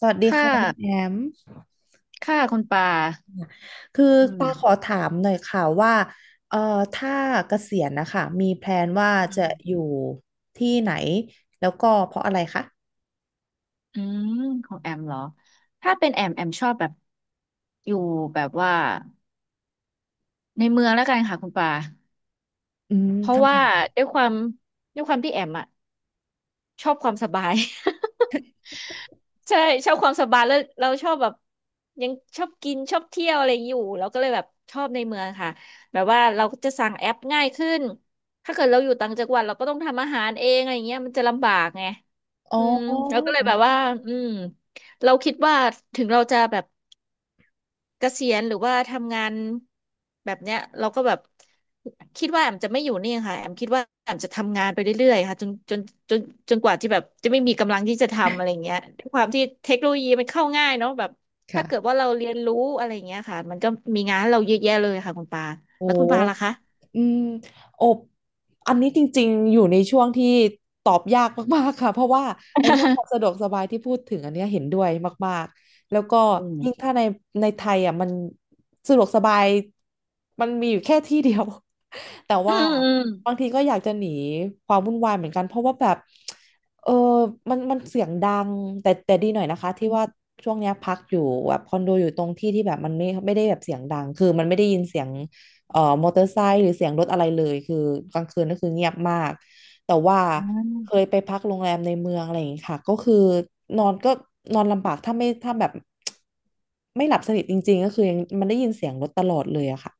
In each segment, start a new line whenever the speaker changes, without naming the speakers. สวัสดี
ค่า
ค่ะคุณแอม
ค่าคุณปา
คือ
อืม
ตาขอถามหน่อยค่ะว่าเอ่อถ้าเกษียณนะคะมีแพลนว่า
อื
จะอ
ม
ยู่ที่ไหนแล้วก็เพราะอะไรคะ
อืม ของแอมเหรอ ถ้าเป็นแอมแอมชอบแบบอยู่แบบว่าในเมืองแล้วกันค่ะคุณปา
อืม
เพราะ
ทำไม
ว่าด้วยความด้วยความที่แอมอะชอบความสบาย ใช่ชอบความสบายแล้วเราชอบแบบยังชอบกินชอบเที่ยวอะไรอยู่เราก็เลยแบบชอบในเมืองค่ะแบบว่าเราจะสั่งแอปง่ายขึ้นถ้าเกิดเราอยู่ต่างจังหวัดเราก็ต้องทำอาหารเองอะไรเงี้ยมันจะลำบากไง
อ๋
อื
อ
มเราก็เลยแบบว่าอืมเราคิดว่าถึงเราจะแบบ เกษียณหรือว่าทำงานแบบเนี้ยเราก็แบบคิดว่าแอมจะไม่อยู่นี่ค่ะแอมคิดว่าแอมจะทำงานไปเรื่อยๆค่ะจนจนจนจนกว่าที่แบบจะไม่มีกำลังที่จะทำอะไรเงี้ยด้วยความที่เทคโนโลยีมันเข้าง่ายเนาะแบบถ้า
ค่ะ
เกิดว่าเราเรียนรู้อะไรเงี้ยค่ะมันก็มีงานให้เราเยอะแยะเลยค่ะคุณปา
โอ้
แล้วคุณปาล่ะคะ
อืมอบอันนี้จริงๆอยู่ในช่วงที่ตอบยากมากๆค่ะเพราะว่าไอ้เรื่องความสะด วกสบายที่พูดถึงอันเนี้ยเห็นด้วยมากๆแล้วก็
อื
ยิ่ง
ม
ถ้าในในไทยอ่ะมันสะดวกสบายมันมีอยู่แค่ที่เดียว แต่
อื
ว่า
มอืม
บางทีก็อยากจะหนีความวุ่นวายเหมือนกันเพราะว่าแบบเออมันเสียงดังแต่ดีหน่อยนะคะที่ว่าช่วงเนี้ยพักอยู่แบบคอนโดอยู่ตรงที่ที่แบบมันไม่ได้แบบเสียงดังคือมันไม่ได้ยินเสียง มอเตอร์ไซค์หรือเสียงรถอะไรเลยคือกลางคืนก็คือเงียบมากแต่ว่า
อื
เคย
ม
ไปพักโรงแรมในเมืองอะไรอย่างงี้ค่ะก็คือนอนก็นอนลำบากถ้าแบบไม่หลับสนิทจริงๆก็คือยังมันได้ยินเสียงรถตลอดเลยอะค่ะ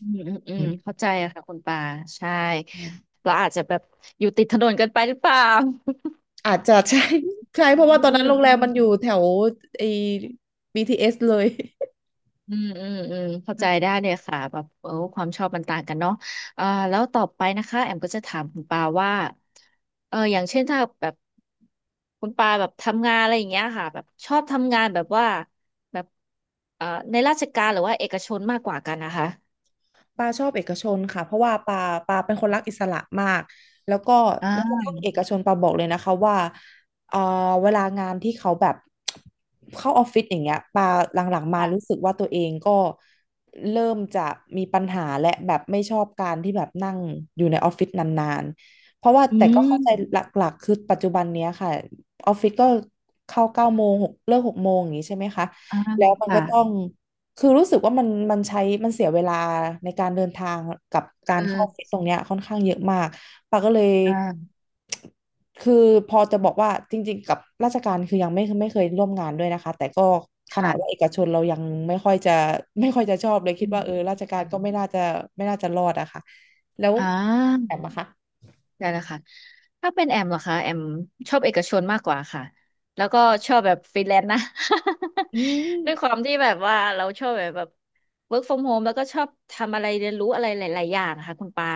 อืมอืมอื
อื
ม
ม
เข้าใจอะค่ะคุณปาใช่
อ
เราอาจจะแบบอยู่ติดถนนกันไปหรือเปล่า
าจจะ ใช่ ใช่
อ
เพราะว่า
ื
ตอนนั้น
ม
โรงแร
อื
ม
ม
มันอยู่แถวไอ้ BTS เอสเลย
อืมอืมอืมเข้าใจได้เลยค่ะแบบเออความชอบมันต่างกันเนาะอ่าแล้วต่อไปนะคะแอมก็จะถามคุณปาว่าเอออย่างเช่นถ้าแบบคุณปาแบบทำงานอะไรอย่างเงี้ยค่ะแบบชอบทำงานแบบว่าแบบเอ่อในราชการหรือว่าเอกชนมากกว่ากันนะคะ
ปาชอบเอกชนค่ะเพราะว่าปาเป็นคนรักอิสระมากแล้วก็แม้กระ
อ่า
ทั่งเอกชนปาบอกเลยนะคะว่าเอ่อเวลางานที่เขาแบบเข้าออฟฟิศอย่างเงี้ยปาหลังๆมา
ค่ะ
รู้สึกว่าตัวเองก็เริ่มจะมีปัญหาและแบบไม่ชอบการที่แบบนั่งอยู่ในออฟฟิศนานๆเพราะว่า
อื
แต่ก็เข้าใจหล
ม
ักๆคือปัจจุบันเนี้ยค่ะออฟฟิศก็เข้าเก้าโมงหกเลิกหกโมงอย่างงี้ใช่ไหมคะ
อ่า
แล้วมัน
ค่ะ
ก็ต้อง คือรู้สึกว่ามันใช้มันเสียเวลาในการเดินทางกับกา
เอ
รเข้าออฟฟิศ
อ
ตรงเนี้ยค่อนข้างเยอะมากปาก็เลย
อ่า
คือพอจะบอกว่าจริงๆกับราชการคือยังไม่เคยร่วมงานด้วยนะคะแต่ก็ขนาดว่าเอ
ค่ะ
กชนเรายังไม่ค่อยจะไม่ค่อยจะชอบเลยคิด
อื
ว่าเออ
ม
ราชการก็ไม่น่าจะรอดอะค่ะแล้ว
อ่า
แอมอะคะ
ได้แล้วค่ะถ้าเป็นแอมเหรอคะแอมชอบเอกชนมากกว่าค่ะแล้วก็ชอบแบบฟรีแลนซ์นะ
อืม
ด้วยความที่แบบว่าเราชอบแบบ work from home แล้วก็ชอบทำอะไรเรียนรู้อะไรหลายๆอย่างค่ะคุณปา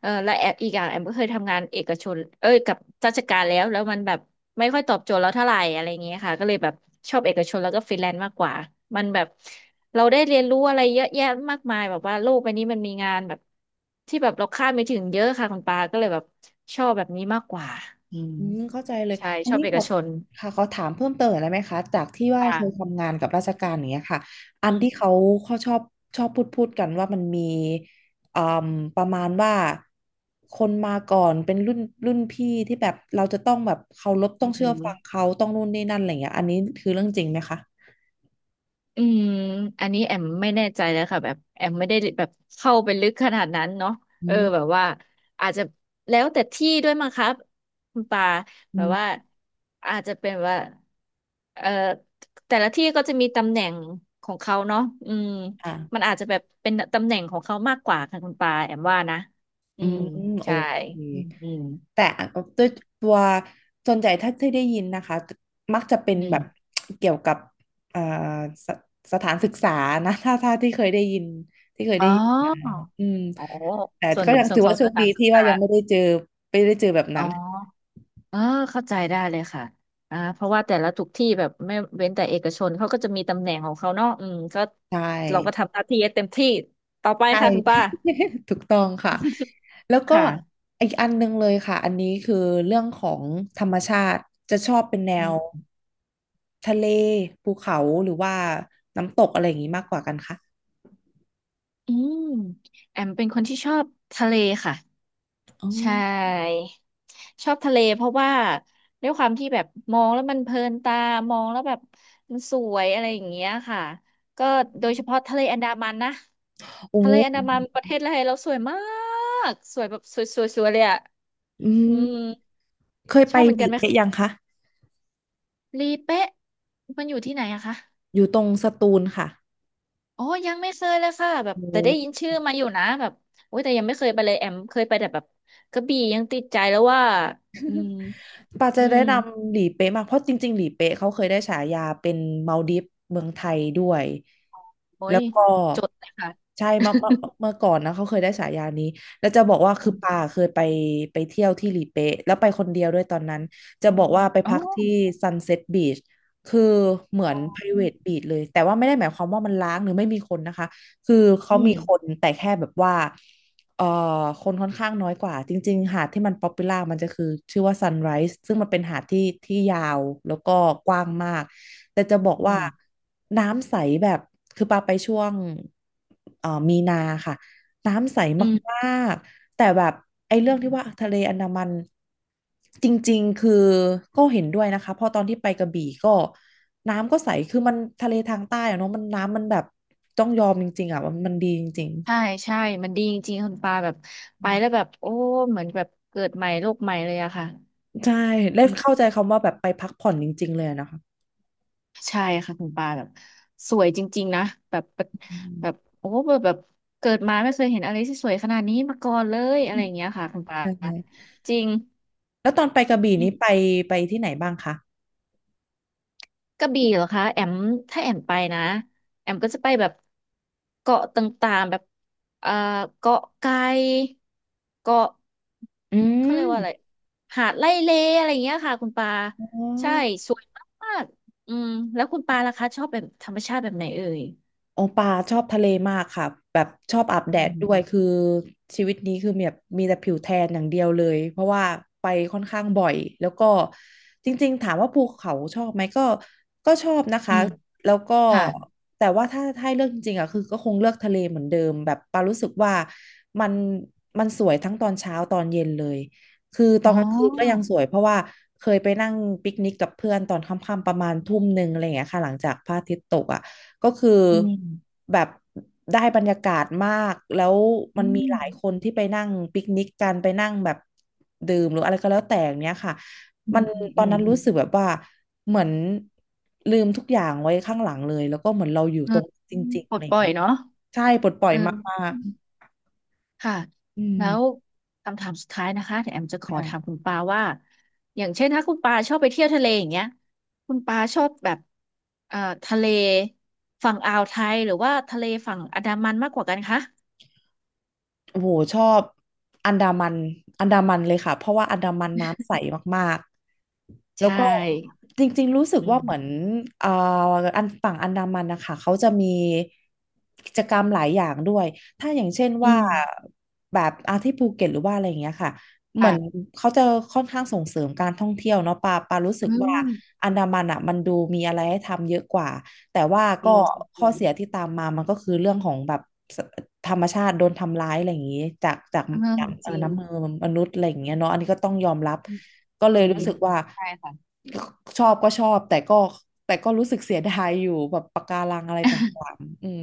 เออและแอมอีกอย่างแอมก็เคยทำงานเอกชนเอ้ยกับราชการแล้วแล้วมันแบบไม่ค่อยตอบโจทย์เราเท่าไหร่อะไรอย่างเงี้ยค่ะก็เลยแบบชอบเอกชนแล้วก็ฟรีแลนซ์มากกว่ามันแบบ เราได้เรียนรู้อะไรเยอะแยะมากมายแบบว่าโลกใบนี้มันมีงานแบบที่แบบเราคาดไม่ถึงเยอะค่ะคุณปาก็เลยแบบชอบแบบนี้มากกว่าอืม
อืมเข้าใจเลย
ใช่
อัน
ชอบ
นี้
เอ
ข
ก
อ
ชน
ค่ะขอถามเพิ่มเติมหน่อยได้ไหมคะจากที่ว่าเคย
อ่า
ทำงานกับราชการอย่างเงี้ยค่ะ อั
อื
นที่
ม
เขาชอบพูดกันว่ามันมีอืมประมาณว่าคนมาก่อนเป็นรุ่นพี่ที่แบบเราจะต้องแบบเคารพต้
อื
องเชื่อฟัง
ม
เขาต้องนู่นนี่นั่นอะไรอย่างเงี้ยอันนี้คือเรื่องจริงไหมคะ
อืมอันนี้แอมไม่แน่ใจแล้วค่ะแบบแอมไม่ได้แบบเข้าไปลึกขนาดนั้นเนาะ
อื
เออแบ
ม
บว่าอาจจะแล้วแต่ที่ด้วยมั้งครับคุณปา
อื
แบบว่า
ม
อาจจะเป็นว่าเอ่อแต่ละที่ก็จะมีตำแหน่งของเขาเนาะอืมมัน
ค่ะ
อาจจะแบบเป็นตำแหน่งของเขามากกว่าค่ะคุณปาแอมว่านะอื
อืม
ม
โอ
ใช่
เค
อืมอืม
แต่ด้วยตัวส่วนใหญ่ถ้าที่ได้ยินนะคะมักจะเป็น
อื
แบบ
ม
เกี่ยวกับเอ่อสสถานศึกษานะถ้าที่เคย
อ๋
ได้ยินมา
อ
อืม
อ๋อ
แต่
ส่วน
ก็ยัง
ส่ว
ถื
น
อ
ขอ
ว่า
ง
โช
ส
ค
ถา
ดี
นศึก
ที่
ษา
ว่ายังไม่ได้เจอแบบ
อ๋
นั้น
อ อ่าเข้าใจได้เลยค่ะอ่าเพราะว่าแต่ละทุกที่แบบไม่เว้นแต่เอกชนเขาก็จะมีตำแหน่งของเขาเนาะอืมก็
ใช่
เราก็ทำหน้าที่ให้เต็มที่ต่อไป
ใช่
ค่ะคุณป้า
ถูกต้องค่ะแล้ว
ค
ก็
่ะ
อีกอันหนึงเลยค่ะอันนี้คือเรื่องของธรรมชาติจะชอบเป็นแนว
อืม
ทะเลภูเขาหรือว่าน้ำตกอะไรอย่างนี้มากกว่ากันคะ
อืมแอมเป็นคนที่ชอบทะเลค่ะ
อ๋อ
ใช่ชอบทะเลเพราะว่าด้วยความที่แบบมองแล้วมันเพลินตามองแล้วแบบมันสวยอะไรอย่างเงี้ยค่ะก็โดยเฉพาะทะเลอันดามันนะ
โอ้
ทะเลอันดามันประเทศไทยเราสวยมากสวยแบบสวยๆๆเลยอะ
อื
อืม
มเคย
ช
ไป
อบเหมือ
ห
น
ลี
กันไหม
เป๊ะยั
คะ
งคะ
ลีเป๊ะมันอยู่ที่ไหนอะคะ
อยู่ตรงสตูลค่ะ
อ๋อยังไม่เคยเลยค่ะแบบ
โอ
แต่ได้ยิน
้
ชื่อมาอยู่นะแบบโอ้ยแต่ยังไม่เคยไปเลยแอมเคยไปแต่แบบกระบี่ยังติดใจแล้วว่าอืม
ปาจะ
อื
แนะ
ม
นำหลีเป๊ะมากเพราะจริงๆหลีเป๊ะเขาเคยได้ฉายาเป็นมัลดิฟเมืองไทยด้วย
โอ้
แล้
ย
วก็
จดเลยค่ะ
ใช่เมื่อก่อนนะเขาเคยได้ฉายานี้แล้วจะบอกว่าคื
อื
อปา
ม
เคยไปเที่ยวที่หลีเป๊ะแล้วไปคนเดียวด้วยตอนนั้นจะ
อื
บ
ม
อกว่าไป
อ๋อ
พักที่ Sunset Beach คือเหมือ
อ๋
น
อ
private beach เลยแต่ว่าไม่ได้หมายความว่ามันล้างหรือไม่มีคนนะคะคือเขา
อื
มี
ม
คนแต่แค่แบบว่า เอ่อคนค่อนข้างน้อยกว่าจริงๆหาดที่มันป๊อปปูล่ามันจะคือชื่อว่า Sunrise ซึ่งมันเป็นหาดที่ที่ยาวแล้วก็กว้างมากแต่จะบอก
อื
ว่า
ม
น้ำใสแบบคือปาไปช่วงมีนาค่ะน้ำใส
อืมอืม
มากๆแต่แบบไอ้
อื
เรื่อง
ม
ที่ว่าทะเลอันดามันจริงๆคือก็เห็นด้วยนะคะเพราะตอนที่ไปกระบี่ก็น้ำก็ใสคือมันทะเลทางใต้อะเนาะมันน้ำมันแบบต้องยอมจริงๆอ่ะว่ามันดีจริง
ใช่ใช่มันดีจริงๆคุณปาแบบไปแล้วแบบโอ้เหมือนแบบเกิดใหม่โลกใหม่เลยอะค่ะ
ใช่ได้เข้าใจคำว่าแบบไปพักผ่อนจริงๆเลยอะนะคะ
ใช่ค่ะคุณปาแบบสวยจริงๆนะแบบ
อืม
โอ้แบบเกิดมาไม่เคยเห็นอะไรที่สวยขนาดนี้มาก่อนเลยอะไรอย่างเงี้ยค่ะคุณปา
ใช่
จริง
แล้วตอนไปกระบี่
อื
นี้
ม
ไปที่ไหนบ้างคะ
กระบี่เหรอคะแอมถ้าแอมไปนะแอมก็จะไปแบบเกาะต่างๆแบบเอ่อเกาะไก่เกาะ
อื
เขาเรียกว่าอะไร
ม
หาดไร่เลอะไรอย่างเงี้ยค่ะคุณปา
อ๋อ
ใช่สวยมากๆอืมแล้วคุณปาล่ะคะชอบแบบธรรมชาติแบบไหนเอ่ย
โอปาชอบทะเลมากค่ะแบบชอบอาบแด
อื
ด
ม
ด้วยคือชีวิตนี้คือแบบมีแต่ผิวแทนอย่างเดียวเลยเพราะว่าไปค่อนข้างบ่อยแล้วก็จริงๆถามว่าภูเขาชอบไหมก็ชอบนะ
อื
คะ
ม
แล้วก็
ค่ะ
แต่ว่าถ้าให้เลือกจริงๆอ่ะคือก็คงเลือกทะเลเหมือนเดิมแบบปารู้สึกว่ามันมันสวยทั้งตอนเช้าตอนเย็นเลยคือตอ
อ๋
น
อ
กลางคืนก็ยังสวยเพราะว่าเคยไปนั่งปิกนิกกับเพื่อนตอนค่ำๆประมาณทุ่มหนึ่งอะไรอย่างเงี้ยค่ะหลังจากพระอาทิตย์ตกอ่ะ ก็คือ
อืม
แบบได้บรรยากาศมาก แล้วมัน
อื
มี
ม
หลายคนที่ไปนั่งปิกนิกกันไปนั่งแบบดื่มหรืออะไรก็แล้วแต่อย่างเนี้ยค่ะ
อื
มั
ม
น
อืม
ตอน
อืม
นั้นรู้สึกแบบว่าเหมือนลืมทุกอย่างไว้ข้างหลังเลย แล้วก็เหมือนเราอยู่
เอ
ต
อ
รงจริงๆ
ปล
อะไร
ด
อ
ป
ย่าง
ล่อย
เงี้ย
เนาะ
ใช่ปลดปล่อย
เอ
มา
อ
ก
ค่ะ
ๆอืม
แล้วคำถามสุดท้ายนะคะแแอมจะขอถามคุ
ค่ะ
ณปาว่าอย่างเช่นถ้าคุณปาชอบไปเที่ยวทะเลอย่างเงี้ยคุณปาชอบแบบเอ่อทะเลฝั่งอ่าวไทยหรือว่าทะเลฝั่งอันดามันมากกว่ากันคะ
โอ้โหชอบอันดามันอันดามันเลยค่ะเพราะว่าอันดามันน้ำใสมากๆ
ใช
แล้วก็
่
จริงๆรู้สึก
อื
ว่าเหมือน
ม
เอ่ออันฝั่งอันดามันนะคะเขาจะมีกิจกรรมหลายอย่างด้วยถ้าอย่างเช่น
อื
ว่า
ม
แบบอาที่ภูเก็ตหรือว่าอะไรอย่างเงี้ยค่ะเหมือน
ค่ะ
เขาจะค่อนข้างส่งเสริมการท่องเที่ยวเนาะปารู้สึ
อื
กว่า
ม
อันดามันอ่ะมันดูมีอะไรให้ทำเยอะกว่าแต่ว่า
จ
ก็
ริงจ
ข้อ
ริง
เสียที่ตามมามันก็คือเรื่องของแบบ ธรรมชาติโดนทำร้ายอะไรอย่างนี้จาก
เออม
จาก
จริง
น้ำมือมนุษย์อะไรอย่างเงี้ยเนาะอันนี้ก็ต้องยอมรับก็เล
อื
ย
ม
รู้สึกว่า
ใช่ค่ะ
ชอบก็ชอบแต่ก็รู้สึกเสียดายอยู่แบบปะการังอะไรต่างๆอืม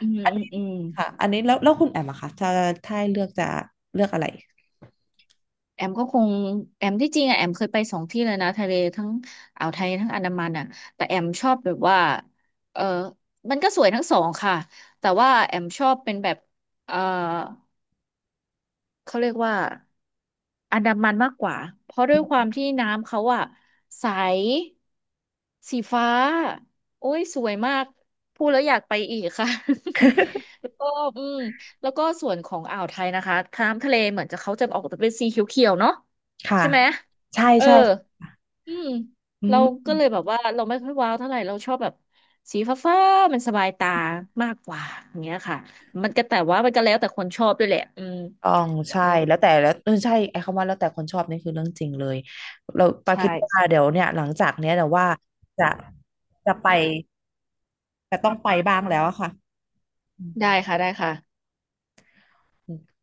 อืม
อัน
อืม
นี้
อืม
ค่ะอันนี้แล้วคุณแอมอะคะถ้าให้เลือกจะเลือกอะไร
แอมก็คงแอมที่จริงอะแอมเคยไปสองที่เลยนะทะเลทั้งอ่าวไทยทั้งอันดามันอ่ะแต่แอมชอบแบบว่าเออมันก็สวยทั้งสองค่ะแต่ว่าแอมชอบเป็นแบบเออ เขาเรียกว่าอันดามันมากกว่าเพราะด้วยความที่น้ำเขาอะใสสีฟ้าโอ้ยสวยมากพูดแล้วอยากไปอีกค่ะ แล้วก็อืมแล้วก็ส่วนของอ่าวไทยนะคะน้ำทะเลเหมือนจะเขาจะออกจะเป็นสีเขียวๆเนาะ
ค่ะ
ใช่ไหม
ใช่
เออ
ใช่
อืม
อื
เราก็
ม
เลยแบบว่าเราไม่ค่อยว้าวเท่าไหร่เราชอบแบบสีฟ้าๆมันสบายตามากกว่าอย่างเงี้ยค่ะมันก็แต่ว่ามันก็แล้วแต่คนชอบด้วยแหละอืม
อ๋องใช่แล้วแต่แล้วเออใช่ไอ้คำว่าแล้วแต่คนชอบนี่คือเรื่องจริงเลยเราปาคิดว่า
ใช่
เดี๋ยวเนี่ยหลังจากเนี้ยเดี๋ยวว่าจะจะไป แต่ต้องไปบ้างแล้วอะค่ะอื
ได้ค่ะได้ค่ะ
ม